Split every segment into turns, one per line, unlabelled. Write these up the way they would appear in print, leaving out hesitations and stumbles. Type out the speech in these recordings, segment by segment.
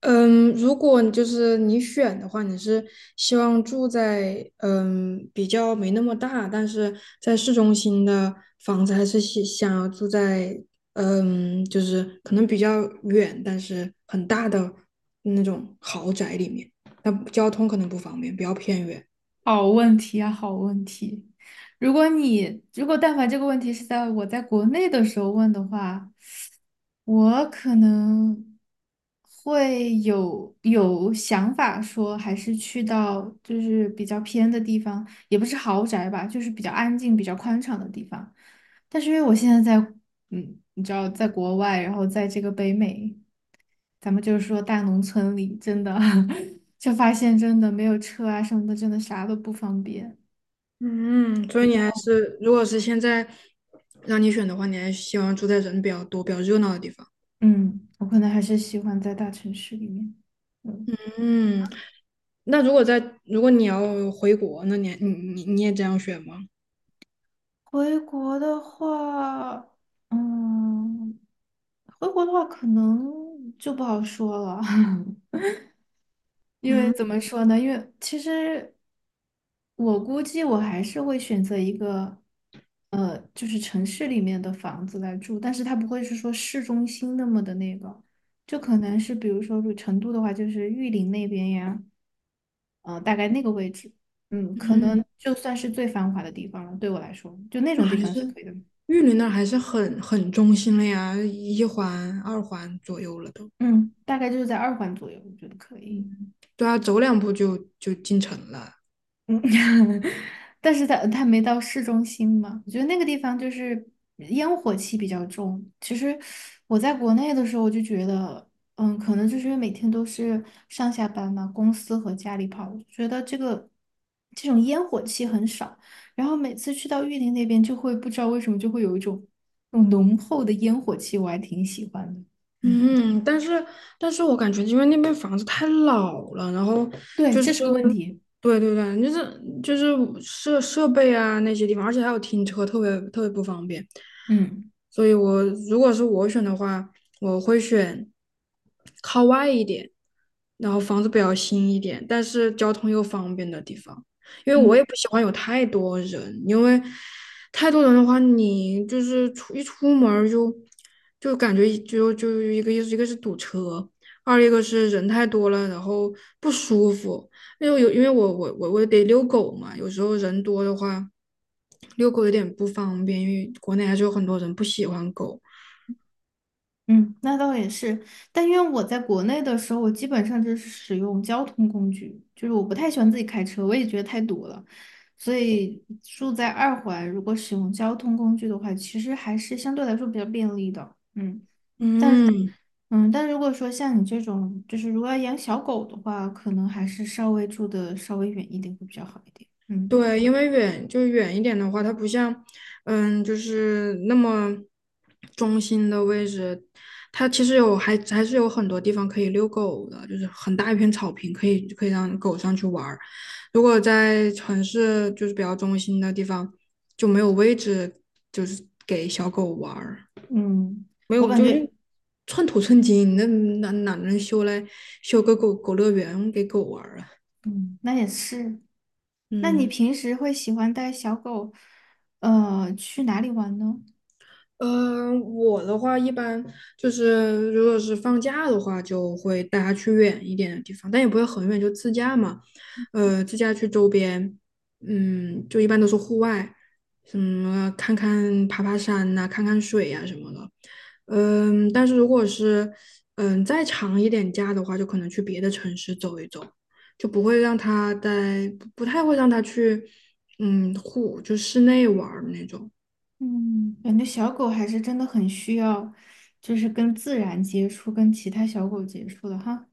嗯，如果就是你选的话，你是希望住在比较没那么大，但是在市中心的房子，还是想要住在就是可能比较远，但是很大的那种豪宅里面？那交通可能不方便，比较偏远。
好问题啊，好问题。如果但凡这个问题是在我在国内的时候问的话，我可能会有想法说，还是去到就是比较偏的地方，也不是豪宅吧，就是比较安静、比较宽敞的地方。但是因为我现在在，嗯，你知道，在国外，然后在这个北美。咱们就是说大农村里真的 就发现真的没有车啊什么的，真的啥都不方便。
嗯，所以你还是，如果是现在让你选的话，你还是希望住在人比较多、比较热闹的地方。
嗯，我可能还是喜欢在大城市里面。嗯，
嗯。那如果你要回国，那你也这样选吗？
回国的话，嗯，回国的话可能就不好说了。因为
嗯
怎么说呢？因为其实我估计我还是会选择一个，就是城市里面的房子来住，但是它不会是说市中心那么的那个，就可能是比如说，如成都的话，就是玉林那边呀，大概那个位置，可
嗯。
能就算是最繁华的地方了，对我来说，就那
那
种地
还
方是
是
可以的，
玉林那儿还是很中心了呀，一环、二环左右了都。
嗯，大概就是在二环左右，我觉得可以。
嗯对啊，走两步就进城了。
嗯，但是它没到市中心嘛，我觉得那个地方就是烟火气比较重。其实我在国内的时候，我就觉得，可能就是因为每天都是上下班嘛，公司和家里跑，我觉得这种烟火气很少。然后每次去到玉林那边，就会不知道为什么就会有一种那种浓厚的烟火气，我还挺喜欢的。嗯，
嗯，但是但是我感觉，因为那边房子太老了。然后
对，
就
这
是，
是个问题。
对对对，就是设备啊那些地方，而且还有停车，特别特别不方便。
嗯
所以如果是我选的话，我会选靠外一点，然后房子比较新一点，但是交通又方便的地方。因为我
嗯。
也不喜欢有太多人，因为太多人的话，你就是出一出门儿就感觉就一个意思，一个是堵车，二一个是人太多了，然后不舒服。因为我得遛狗嘛，有时候人多的话，遛狗有点不方便，因为国内还是有很多人不喜欢狗。
嗯，那倒也是，但因为我在国内的时候，我基本上就是使用交通工具，就是我不太喜欢自己开车，我也觉得太堵了，所以住在二环，如果使用交通工具的话，其实还是相对来说比较便利的，嗯，但是，
嗯。
但如果说像你这种，就是如果要养小狗的话，可能还是稍微住的稍微远一点会比较好一点，嗯
对，因为就远一点的话，它不像就是那么中心的位置，它其实还是有很多地方可以遛狗的，就是很大一片草坪，可以让狗上去玩儿。如果在城市就是比较中心的地方，就没有位置，就是给小狗玩儿，
嗯，
没
我
有
感
就
觉。
就寸土寸金，那哪能修来修个狗狗乐园给狗玩儿啊？
嗯，那也是。那你
嗯。
平时会喜欢带小狗，去哪里玩呢？
嗯，我的话一般就是，如果是放假的话，就会带他去远一点的地方，但也不会很远，就自驾嘛。自驾去周边，就一般都是户外，什么看看爬爬山呐、看看水呀、什么的。但是如果是再长一点假的话，就可能去别的城市走一走，就不会让他在，不太会让他去，就室内玩儿那种。
嗯，感觉小狗还是真的很需要，就是跟自然接触，跟其他小狗接触的哈。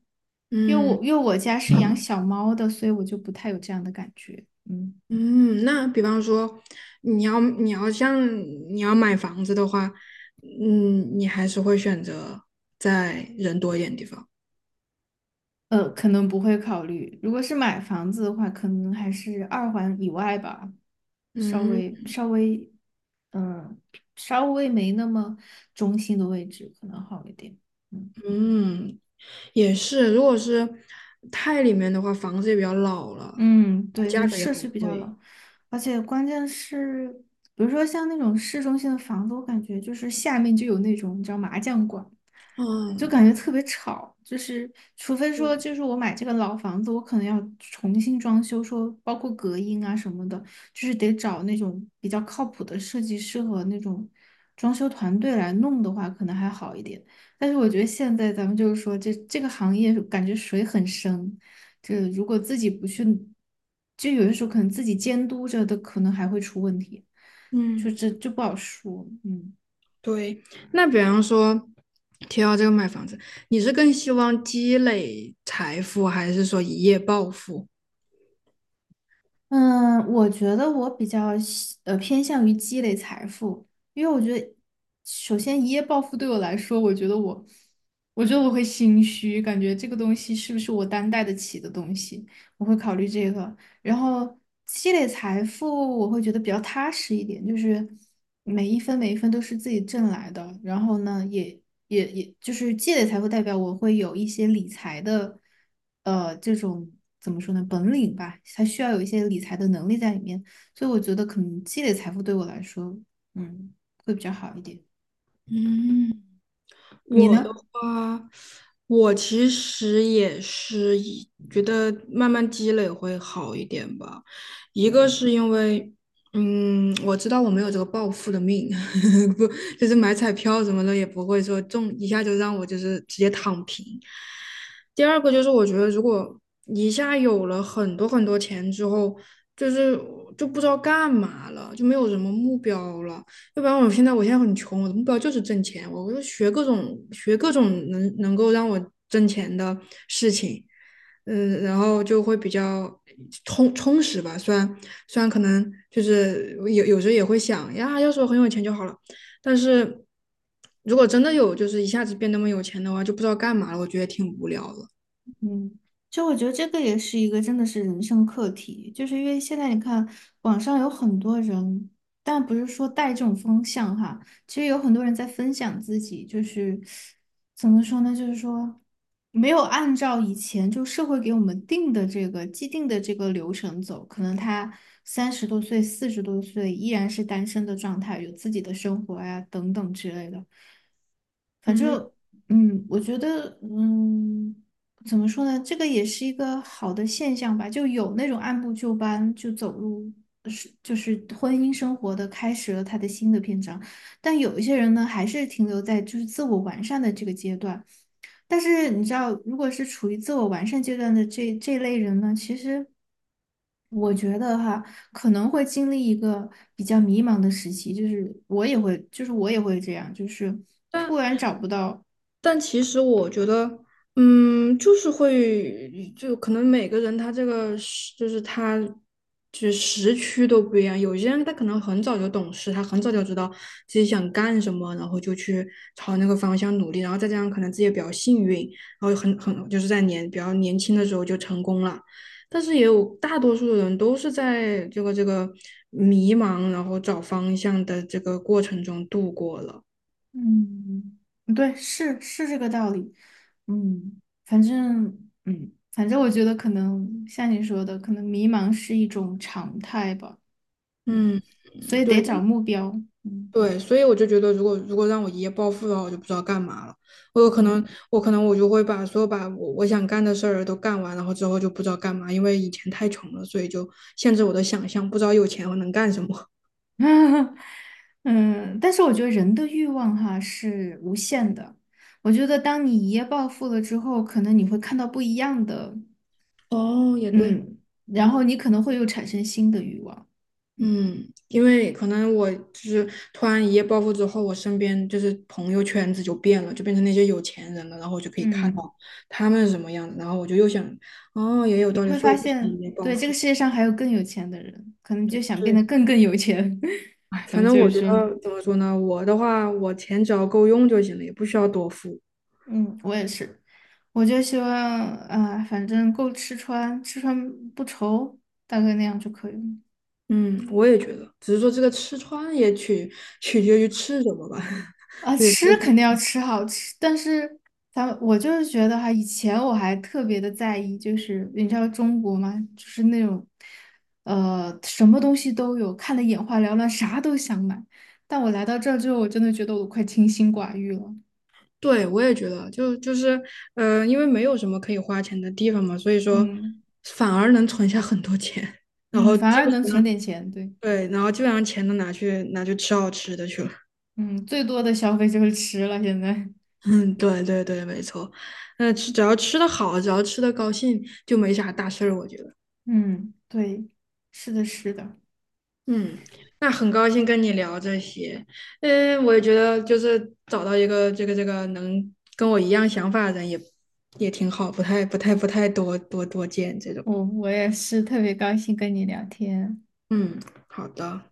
嗯。
因为我家是养小猫的，所以我就不太有这样的感觉。嗯。
嗯，那比方说，你要你要像你要买房子的话，你还是会选择在人多一点的地方。
可能不会考虑。如果是买房子的话，可能还是二环以外吧，稍
嗯
微稍微，嗯，稍微没那么中心的位置，可能好一点。嗯。
嗯。也是，如果是太里面的话，房子也比较老了，
嗯，对，就
价格也
设施
很
比较
贵。
老，而且关键是，比如说像那种市中心的房子，我感觉就是下面就有那种你知道麻将馆，就
嗯，
感觉特别吵。就是除非说，
对，
就是我买这个老房子，我可能要重新装修，说包括隔音啊什么的，就是得找那种比较靠谱的设计师和那种装修团队来弄的话，可能还好一点。但是我觉得现在咱们就是说这个行业感觉水很深。这如果自己不去，就有的时候可能自己监督着的，可能还会出问题，就
嗯，
这就不好说。嗯
对。那比方说，提到这个买房子，你是更希望积累财富，还是说一夜暴富？
嗯，我觉得我比较偏向于积累财富，因为我觉得首先一夜暴富对我来说，我觉得我会心虚，感觉这个东西是不是我担待得起的东西，我会考虑这个。然后积累财富，我会觉得比较踏实一点，就是每一分每一分都是自己挣来的。然后呢，也就是积累财富，代表我会有一些理财的，这种怎么说呢，本领吧，它需要有一些理财的能力在里面。所以我觉得可能积累财富对我来说，嗯，会比较好一点。
嗯。
你
我的
呢？
话，我其实也是以觉得慢慢积累会好一点吧。一个是因为我知道我没有这个暴富的命。不，就是买彩票什么的也不会说中一下就让我就是直接躺平。第二个就是我觉得如果一下有了很多钱之后，就是不知道干嘛了，就没有什么目标了。要不然我现在很穷，我的目标就是挣钱，我就学各种能够让我挣钱的事情。然后就会比较充实吧。虽然可能就是有时候也会想呀，要是我很有钱就好了，但是如果真的有就是一下子变那么有钱的话，就不知道干嘛了，我觉得挺无聊的。
嗯，就我觉得这个也是一个真的是人生课题，就是因为现在你看网上有很多人，但不是说带这种风向哈，其实有很多人在分享自己，就是怎么说呢，就是说没有按照以前就社会给我们定的这个既定的这个流程走，可能他30多岁、40多岁依然是单身的状态，有自己的生活呀、等等之类的。反
嗯，
正。嗯，我觉得，嗯，怎么说呢？这个也是一个好的现象吧，就有那种按部就班就走入就是婚姻生活的开始了他的新的篇章，但有一些人呢，还是停留在就是自我完善的这个阶段。但是你知道，如果是处于自我完善阶段的这类人呢，其实我觉得哈，可能会经历一个比较迷茫的时期，就是我也会这样，就是突
但
然找不到。
但其实我觉得就是会，就可能每个人他这个就是他，就是时区都不一样。有些人他可能很早就懂事，他很早就知道自己想干什么，然后就去朝那个方向努力。然后再加上可能自己也比较幸运，然后很就是在比较年轻的时候就成功了。但是也有大多数的人都是在这个迷茫，然后找方向的这个过程中度过了。
嗯，嗯对，是这个道理。嗯，反正我觉得可能像你说的，可能迷茫是一种常态吧。嗯，
嗯，
所以得
对。
找目标。嗯
对，所以我就觉得，如果让我一夜暴富的话，我就不知道干嘛了。我有可
嗯
能，我可能我就会把把我想干的事儿都干完，然后之后就不知道干嘛，因为以前太穷了，所以就限制我的想象，不知道有钱我能干什么。
嗯，但是我觉得人的欲望哈是无限的。我觉得当你一夜暴富了之后，可能你会看到不一样的，
哦，也对。
嗯，然后你可能会又产生新的欲望。嗯
嗯，因为可能我就是突然一夜暴富之后，我身边就是朋友圈子就变了，就变成那些有钱人了，然后我就可以看
嗯。
到他们是什么样的，然后我就又想，哦，也有道理，
会
所以
发
我不想
现，
一夜暴
对，这
富。
个世界上还有更有钱的人，可能就想变得更有钱。
哎，
咱
反
们
正
就是
我觉
说，
得怎么说呢，我的话，我钱只要够用就行了，也不需要多付。
嗯，我也是，我就希望啊、反正够吃穿，吃穿不愁，大概那样就可以了。
嗯，我也觉得，只是说这个吃穿也取决于吃什么吧。
啊，
对，
吃肯定要吃好吃，但是咱们我就是觉得哈，以前我还特别的在意，就是你知道中国嘛，就是那种，什么东西都有，看得眼花缭乱，啥都想买。但我来到这儿之后，我真的觉得我快清心寡欲了。
对，我也觉得，因为没有什么可以花钱的地方嘛，所以说
嗯
反而能存下很多钱。然
嗯，
后
反
基
而能
本
存
上
点钱，对，
对，然后基本上钱都拿去吃好吃的去了。
嗯，最多的消费就是吃了，现在，
嗯，对对对，没错。那吃只要吃的好，只要吃的高兴，就没啥大事儿，我觉得。
嗯，对，是的，是的，
嗯，那很高兴跟你聊这些。我也觉得就是找到一个这个能跟我一样想法的人也挺好，不太多见这种。
我也是特别高兴跟你聊天。
嗯，好的。